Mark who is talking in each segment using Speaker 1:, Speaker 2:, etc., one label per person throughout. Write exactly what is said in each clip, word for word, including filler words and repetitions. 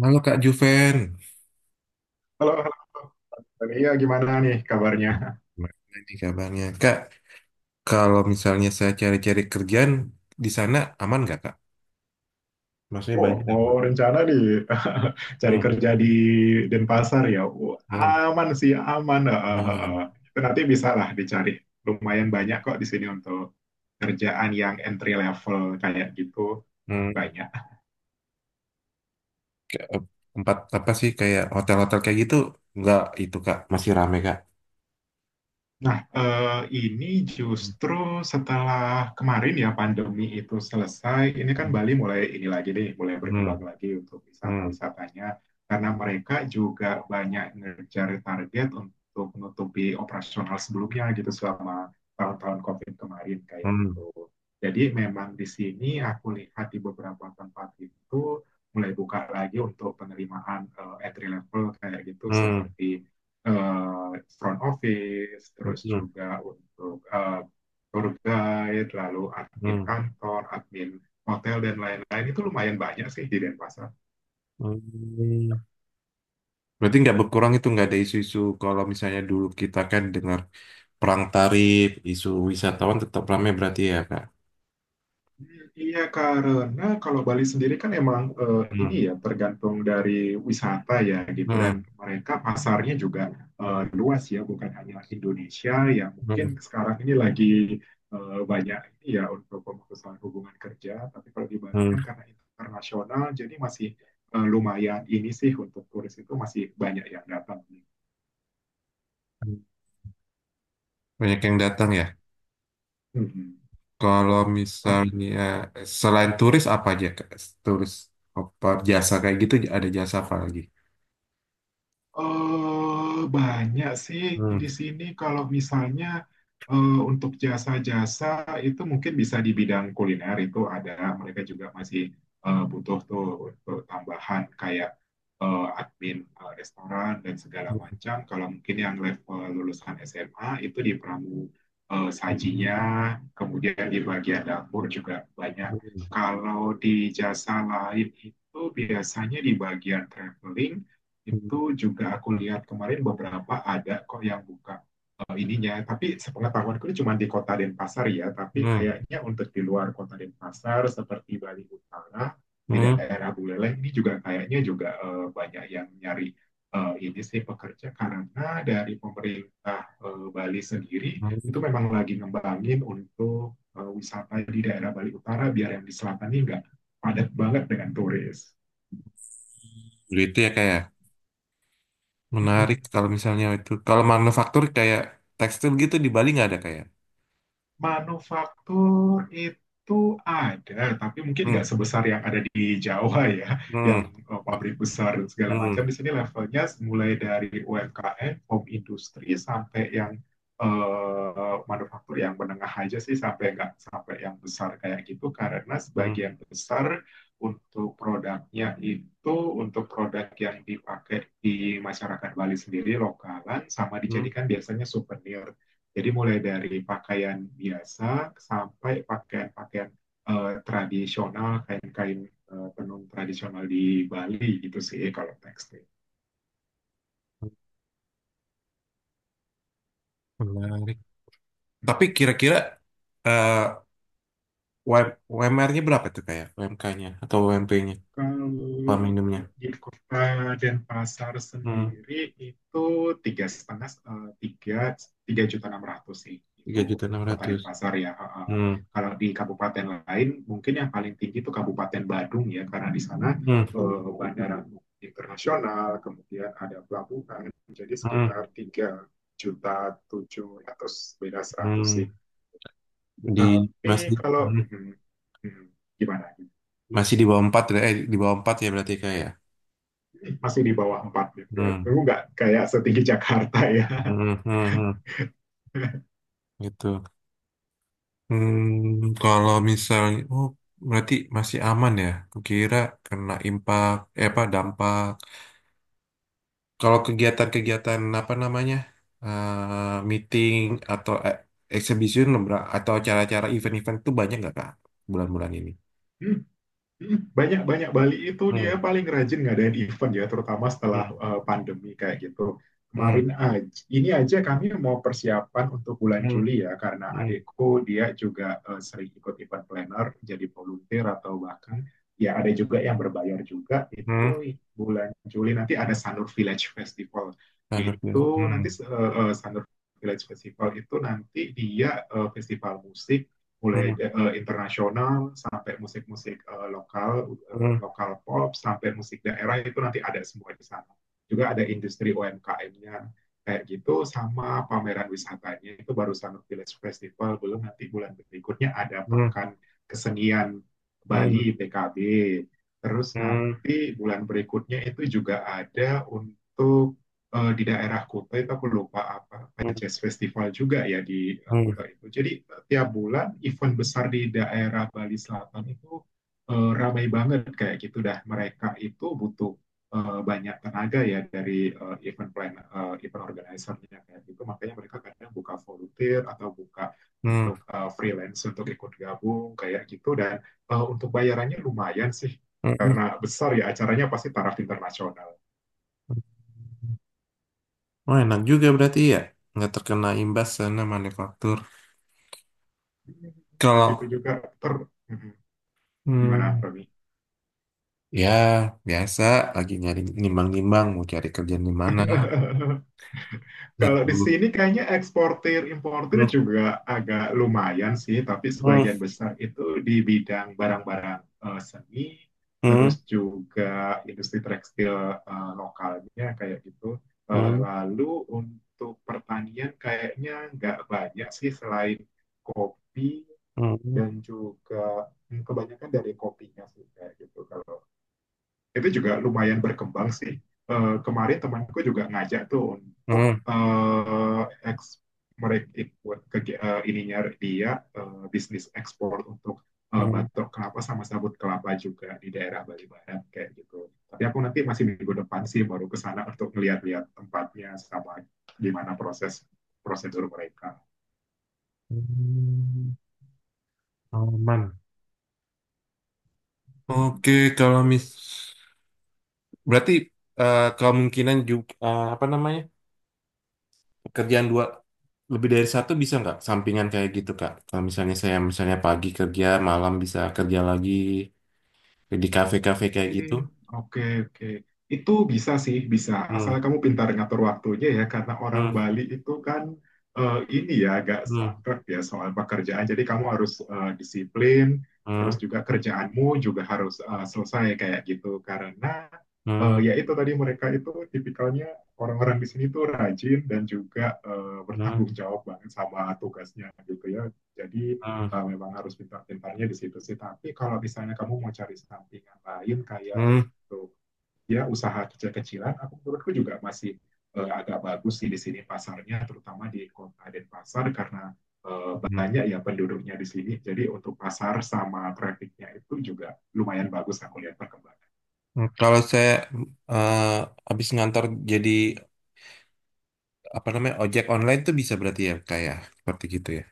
Speaker 1: Halo Kak Juven,
Speaker 2: Halo, halo. Tania, gimana nih kabarnya?
Speaker 1: gimana nih kabarnya? Kak, kalau misalnya saya cari-cari kerjaan di sana aman nggak Kak? Maksudnya
Speaker 2: Wow,
Speaker 1: banyak nggak, Bro?
Speaker 2: mau rencana nih cari
Speaker 1: Hmm.
Speaker 2: kerja di Denpasar ya. Wah,
Speaker 1: Hmm.
Speaker 2: aman sih, aman. Ah, ah, ah,
Speaker 1: Aman.
Speaker 2: ah. Itu nanti bisa lah dicari. Lumayan banyak kok di sini untuk kerjaan yang entry level kayak gitu.
Speaker 1: Hmm,
Speaker 2: Banyak.
Speaker 1: Kayak, eh, tempat apa sih kayak hotel-hotel kayak gitu? Nggak itu Kak, masih rame Kak.
Speaker 2: Nah, eh, ini
Speaker 1: Hmm.
Speaker 2: justru setelah kemarin ya pandemi itu selesai, ini kan Bali mulai ini lagi nih, mulai
Speaker 1: Hmm.
Speaker 2: berkembang lagi untuk
Speaker 1: Hmm.
Speaker 2: wisata-wisatanya. Karena mereka juga banyak ngejar target untuk menutupi operasional sebelumnya gitu selama tahun-tahun COVID kemarin kayak
Speaker 1: Hmm.
Speaker 2: gitu. Jadi memang di sini aku lihat di beberapa tempat itu mulai buka lagi untuk penerimaan eh, entry level kayak gitu
Speaker 1: Hmm.
Speaker 2: seperti eh, front office, terus
Speaker 1: Hmm.
Speaker 2: juga untuk eh, tour guide, lalu admin
Speaker 1: Hmm.
Speaker 2: kantor, admin hotel, dan lain-lain. Itu lumayan banyak sih di Denpasar.
Speaker 1: Hmm. Berarti nggak berkurang itu, nggak ada isu-isu? Kalau misalnya dulu kita kan dengar perang tarif, isu wisatawan tetap ramai berarti ya Kak?
Speaker 2: Iya, karena kalau Bali sendiri kan emang eh, ini
Speaker 1: Hmm.
Speaker 2: ya tergantung dari wisata ya gitu dan
Speaker 1: Hmm.
Speaker 2: mereka pasarnya juga eh, luas ya bukan hanya Indonesia yang mungkin
Speaker 1: Hmm.
Speaker 2: sekarang ini lagi eh, banyak ini ya untuk pemutusan hubungan kerja tapi kalau di Bali
Speaker 1: Hmm.
Speaker 2: kan karena internasional jadi masih eh, lumayan ini sih untuk turis itu masih banyak yang datang.
Speaker 1: Banyak yang datang ya.
Speaker 2: Mhm.
Speaker 1: Kalau misalnya selain turis apa aja, Kak? Turis apa jasa kayak gitu, ada jasa apa lagi?
Speaker 2: Eh, banyak sih
Speaker 1: Hmm.
Speaker 2: di sini kalau misalnya eh, untuk jasa-jasa itu mungkin bisa di bidang kuliner itu ada mereka juga masih eh, butuh tuh untuk tambahan kayak eh, admin eh, restoran dan segala
Speaker 1: Hmm.
Speaker 2: macam. Kalau mungkin yang level lulusan S M A itu di pramu eh, sajinya, kemudian di bagian dapur juga banyak.
Speaker 1: Hmm.
Speaker 2: Kalau di jasa lain itu biasanya di bagian traveling itu
Speaker 1: Hmm.
Speaker 2: juga aku lihat kemarin beberapa ada kok yang buka eh, ininya. Tapi sepengetahuanku ini cuma di kota Denpasar ya. Tapi
Speaker 1: Hmm.
Speaker 2: kayaknya untuk di luar kota Denpasar seperti Bali Utara, di
Speaker 1: Hmm.
Speaker 2: daerah Buleleng ini juga kayaknya juga eh, banyak yang nyari eh, ini sih pekerja karena dari pemerintah eh, Bali sendiri
Speaker 1: Hmm.
Speaker 2: itu memang lagi ngembangin untuk eh, wisata di daerah Bali Utara biar yang di selatan ini nggak padat banget dengan turis.
Speaker 1: Gitu ya, kayak menarik kalau misalnya itu. Kalau manufaktur kayak tekstil gitu di Bali nggak ada kayak?
Speaker 2: Manufaktur itu ada, tapi mungkin nggak
Speaker 1: Hmm.
Speaker 2: sebesar yang ada di Jawa ya, yang
Speaker 1: Hmm.
Speaker 2: eh, pabrik besar dan segala
Speaker 1: Hmm.
Speaker 2: macam.
Speaker 1: Hmm.
Speaker 2: Di sini levelnya mulai dari U M K M, home industri, sampai yang eh, manufaktur yang menengah aja sih, sampai nggak sampai yang besar kayak gitu. Karena
Speaker 1: Hmm.
Speaker 2: sebagian besar untuk produknya itu untuk produk yang dipakai di masyarakat Bali sendiri lokalan, sama
Speaker 1: Hmm.
Speaker 2: dijadikan biasanya souvenir. Jadi mulai dari pakaian biasa sampai pakaian-pakaian eh, tradisional, kain-kain eh, tenun tradisional di Bali gitu sih kalau tekstil.
Speaker 1: Menarik. Tapi kira-kira eh, U M R-nya berapa tuh, kayak U M K-nya atau U M P-nya,
Speaker 2: Kalau
Speaker 1: upah minimumnya?
Speaker 2: di kota Denpasar
Speaker 1: Hmm,
Speaker 2: sendiri itu tiga setengah eh, tiga tiga juta enam ratus sih itu untuk kota
Speaker 1: tiga ribu enam ratus.
Speaker 2: Denpasar ya. Eh, eh.
Speaker 1: Hmm.
Speaker 2: Kalau di kabupaten lain mungkin yang paling tinggi itu Kabupaten Badung ya karena di sana
Speaker 1: Hmm.
Speaker 2: eh, bandara internasional kemudian ada pelabuhan jadi
Speaker 1: Hmm.
Speaker 2: sekitar tiga juta tujuh ratus beda seratus
Speaker 1: Hmm.
Speaker 2: sih.
Speaker 1: Di
Speaker 2: Tapi
Speaker 1: masih
Speaker 2: kalau
Speaker 1: hmm,
Speaker 2: hmm, hmm, gimana?
Speaker 1: masih di bawah empat, eh di bawah empat ya, berarti kayak, ya?
Speaker 2: Masih di bawah empat gitu ya. Itu
Speaker 1: Hmm.
Speaker 2: nggak kayak setinggi Jakarta ya.
Speaker 1: Hmm. Hmm. Hmm. Gitu. Hmm, kalau misalnya, oh, berarti masih aman ya. Kukira kena impact, eh, apa, dampak. Kalau kegiatan-kegiatan apa namanya, eh, meeting atau eh, exhibition, lebra- atau acara-acara, event-event itu banyak nggak kak, bulan-bulan ini?
Speaker 2: Banyak-banyak Bali itu dia
Speaker 1: Hmm.
Speaker 2: paling rajin ngadain event ya, terutama setelah
Speaker 1: Hmm.
Speaker 2: eh, pandemi kayak gitu.
Speaker 1: Hmm.
Speaker 2: Kemarin aja, ini aja kami mau persiapan untuk bulan
Speaker 1: Hmm.
Speaker 2: Juli ya, karena
Speaker 1: Hmm.
Speaker 2: adikku dia juga eh, sering ikut event planner, jadi volunteer atau bahkan ya ada juga yang berbayar juga.
Speaker 1: Hmm.
Speaker 2: Itu bulan Juli nanti ada Sanur Village Festival.
Speaker 1: Anak bilang,
Speaker 2: Itu
Speaker 1: Hmm.
Speaker 2: nanti eh, eh, Sanur Village Festival itu nanti dia eh, festival musik mulai
Speaker 1: Hmm.
Speaker 2: eh, internasional sampai musik-musik eh, lokal eh,
Speaker 1: Hmm.
Speaker 2: lokal pop sampai musik daerah itu nanti ada semua di sana juga ada industri U M K M-nya-nya kayak gitu sama pameran wisatanya itu baru Sanur Village Festival belum nanti bulan berikutnya ada
Speaker 1: Hmm.
Speaker 2: pekan kesenian
Speaker 1: Hmm.
Speaker 2: Bali P K B terus
Speaker 1: Hmm.
Speaker 2: nanti bulan berikutnya itu juga ada untuk eh, di daerah Kuta itu aku lupa apa
Speaker 1: Hmm.
Speaker 2: Jazz Festival juga ya di
Speaker 1: Hmm.
Speaker 2: Kuta itu. Jadi tiap bulan event besar di daerah Bali Selatan itu eh, ramai banget kayak gitu dah. Mereka itu butuh eh, banyak tenaga ya dari eh, event plan eh, event organizer-nya kayak gitu. Makanya mereka kadang buka volunteer atau buka
Speaker 1: Hmm.
Speaker 2: untuk eh, freelance untuk ikut gabung kayak gitu dan eh, untuk bayarannya lumayan sih
Speaker 1: Hmm.
Speaker 2: karena besar ya acaranya pasti taraf internasional.
Speaker 1: Oh, enak juga berarti ya, nggak terkena imbas sana manufaktur. Kalau
Speaker 2: Gitu juga. ter Mhm. Gimana,
Speaker 1: hmm,
Speaker 2: Roni?
Speaker 1: ya biasa, lagi nyari, nimbang-nimbang mau cari kerjaan di mana
Speaker 2: Kalau di
Speaker 1: itu.
Speaker 2: sini kayaknya eksportir importir juga agak lumayan sih, tapi
Speaker 1: Hmm.
Speaker 2: sebagian besar itu di bidang barang-barang eh, seni, terus
Speaker 1: Hmm.
Speaker 2: juga industri tekstil eh, lokalnya kayak gitu. Eh,
Speaker 1: Hmm.
Speaker 2: lalu untuk pertanian kayaknya nggak banyak sih selain kopi
Speaker 1: Hmm.
Speaker 2: dan juga hmm, kebanyakan dari kopinya sih kayak gitu kalau itu juga lumayan berkembang sih. Eh, kemarin temanku juga ngajak tuh untuk
Speaker 1: Hmm.
Speaker 2: eh, eks- mereka ikut ke uh, ininya dia eh, bisnis ekspor untuk eh,
Speaker 1: Hmm.
Speaker 2: batok kelapa sama sabut kelapa juga di daerah Bali Barat kayak gitu. Tapi aku nanti masih minggu depan sih baru ke sana untuk ngeliat-liat tempatnya sama gimana proses prosedur mereka
Speaker 1: Hmm. Aman. Oke, kalau
Speaker 2: gitu.
Speaker 1: mis, berarti eh, kemungkinan juga, apa namanya, pekerjaan dua, lebih dari satu, bisa nggak sampingan kayak gitu Kak? Kalau misalnya saya, misalnya pagi kerja, malam bisa kerja lagi di kafe-kafe kayak
Speaker 2: Hmm.
Speaker 1: gitu.
Speaker 2: Oke, oke. Itu bisa sih, bisa.
Speaker 1: Hmm.
Speaker 2: Asal kamu pintar ngatur waktunya ya, karena orang
Speaker 1: Hmm.
Speaker 2: Bali itu kan eh, ini ya agak
Speaker 1: Hmm.
Speaker 2: saklek ya soal pekerjaan. Jadi kamu harus eh, disiplin, terus
Speaker 1: Hmm.
Speaker 2: juga kerjaanmu juga harus eh, selesai kayak gitu. Karena eh,
Speaker 1: Hmm.
Speaker 2: ya itu tadi mereka itu tipikalnya orang-orang di sini tuh rajin dan juga eh,
Speaker 1: Hmm.
Speaker 2: bertanggung jawab banget sama tugasnya gitu ya. Jadi
Speaker 1: Hmm.
Speaker 2: uh, memang harus pintar-pintarnya di situ sih. Tapi kalau misalnya kamu mau cari sampingan lain kayak
Speaker 1: Hmm.
Speaker 2: untuk ya usaha kecil-kecilan, aku menurutku juga masih uh, agak bagus sih di sini pasarnya, terutama di kota Denpasar karena uh,
Speaker 1: Hmm.
Speaker 2: banyak ya penduduknya di sini. Jadi untuk pasar sama trafficnya itu juga lumayan bagus aku lihat perkembangan.
Speaker 1: Kalau saya eh, habis ngantor, jadi apa namanya, ojek online tuh bisa berarti ya, kayak seperti gitu ya.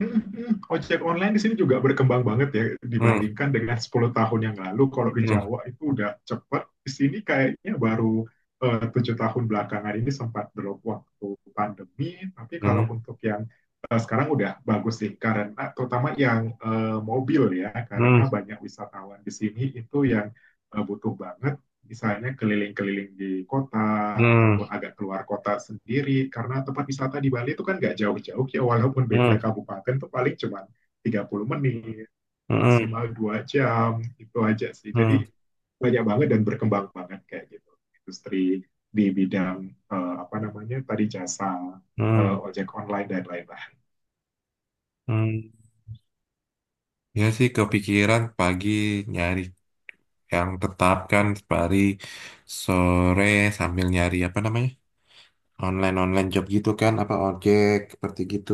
Speaker 2: Mm, mm. Ojek online di sini juga berkembang banget ya
Speaker 1: Hmm.
Speaker 2: dibandingkan dengan sepuluh tahun yang lalu. Kalau di
Speaker 1: Hmm.
Speaker 2: Jawa itu udah cepat, di sini kayaknya baru eh, tujuh tahun belakangan ini sempat drop waktu pandemi. Tapi
Speaker 1: Hmm.
Speaker 2: kalau untuk yang eh, sekarang udah bagus sih, karena terutama yang eh, mobil ya,
Speaker 1: Hmm.
Speaker 2: karena banyak wisatawan di sini itu yang eh, butuh banget misalnya keliling-keliling di kota
Speaker 1: Hmm.
Speaker 2: ataupun agak keluar kota sendiri karena tempat wisata di Bali itu kan nggak jauh-jauh ya walaupun beda
Speaker 1: Hmm.
Speaker 2: kabupaten itu paling cuma tiga puluh menit
Speaker 1: Hmm.
Speaker 2: maksimal dua jam itu aja sih
Speaker 1: Hmm.
Speaker 2: jadi banyak banget dan berkembang banget kayak gitu industri di bidang eh, apa namanya tadi jasa eh,
Speaker 1: Hmm.
Speaker 2: ojek online dan lain-lain.
Speaker 1: Hmm. Ya sih, kepikiran pagi nyari yang tetap kan, pari sore sambil nyari, apa namanya, online online job gitu kan, apa ojek seperti gitu.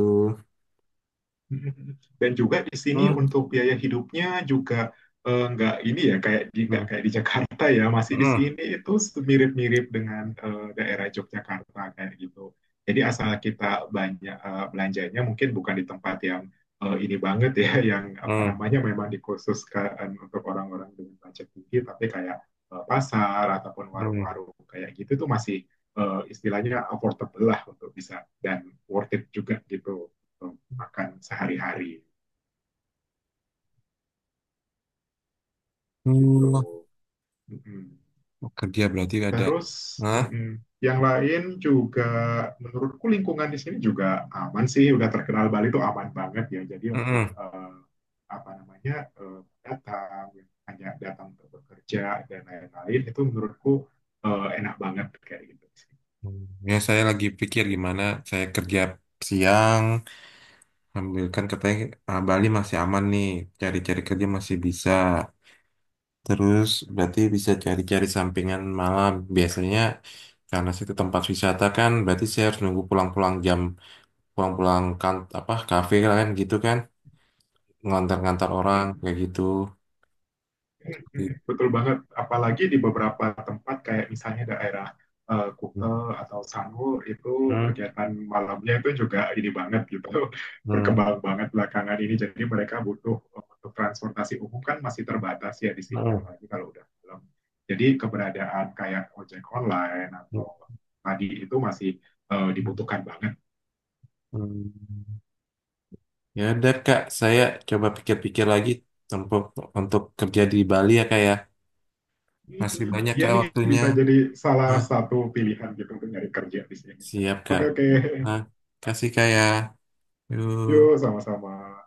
Speaker 2: Dan juga di sini
Speaker 1: Hmm.
Speaker 2: untuk biaya hidupnya juga eh, nggak ini ya kayak di nggak
Speaker 1: Hmm.
Speaker 2: kayak di Jakarta ya masih di
Speaker 1: Hmm.
Speaker 2: sini itu mirip-mirip dengan eh, daerah Yogyakarta kayak gitu. Jadi asal kita banyak eh, belanjanya mungkin bukan di tempat yang eh, ini banget ya yang apa
Speaker 1: Hmm.
Speaker 2: namanya memang dikhususkan untuk orang-orang dengan budget tinggi tapi kayak eh, pasar ataupun
Speaker 1: Hmm.
Speaker 2: warung-warung kayak gitu tuh masih eh, istilahnya affordable lah untuk bisa dan worth it juga gitu makan sehari-hari
Speaker 1: Hmm,
Speaker 2: gitu. Mm-mm.
Speaker 1: Kerja berarti ada.
Speaker 2: Terus
Speaker 1: Hah?
Speaker 2: mm-mm. yang lain juga menurutku lingkungan di sini juga aman sih. Udah terkenal Bali itu aman banget ya. Jadi
Speaker 1: Hmm.
Speaker 2: untuk
Speaker 1: Hmm.
Speaker 2: eh, apa namanya eh, datang yang hanya datang untuk bekerja dan lain-lain itu menurutku eh, enak banget kayak gitu
Speaker 1: Hmm, Ya, saya lagi pikir gimana saya kerja siang, ambil, kan katanya, ah, Bali masih aman nih, cari-cari kerja masih bisa. Terus berarti bisa cari-cari sampingan malam. Biasanya karena situ tempat wisata kan, berarti saya harus nunggu pulang-pulang jam, pulang-pulang kan apa, kafe kan gitu kan, ngantar-ngantar orang
Speaker 2: sih.
Speaker 1: kayak gitu. Gitu.
Speaker 2: Betul banget. Apalagi di beberapa tempat kayak misalnya daerah eh, Kuta atau Sanur itu
Speaker 1: Hmm.
Speaker 2: kegiatan malamnya itu juga ini banget gitu.
Speaker 1: Hmm.
Speaker 2: Berkembang banget belakangan ini. Jadi mereka butuh eh, untuk transportasi umum kan masih terbatas ya di sini
Speaker 1: Hmm.
Speaker 2: apalagi kalau udah malam. Jadi keberadaan kayak ojek online atau tadi itu masih eh, dibutuhkan banget.
Speaker 1: Hmm. Ya udah Kak, saya coba pikir-pikir lagi untuk untuk kerja di Bali ya Kak ya. Masih banyak
Speaker 2: Ya
Speaker 1: Kak
Speaker 2: nih
Speaker 1: waktunya.
Speaker 2: bisa jadi salah
Speaker 1: Nah,
Speaker 2: satu pilihan gitu untuk nyari kerja di sini.
Speaker 1: siap Kak.
Speaker 2: Oke, oke.
Speaker 1: Nah, kasih Kak ya.
Speaker 2: Yuk
Speaker 1: Yuk.
Speaker 2: sama-sama.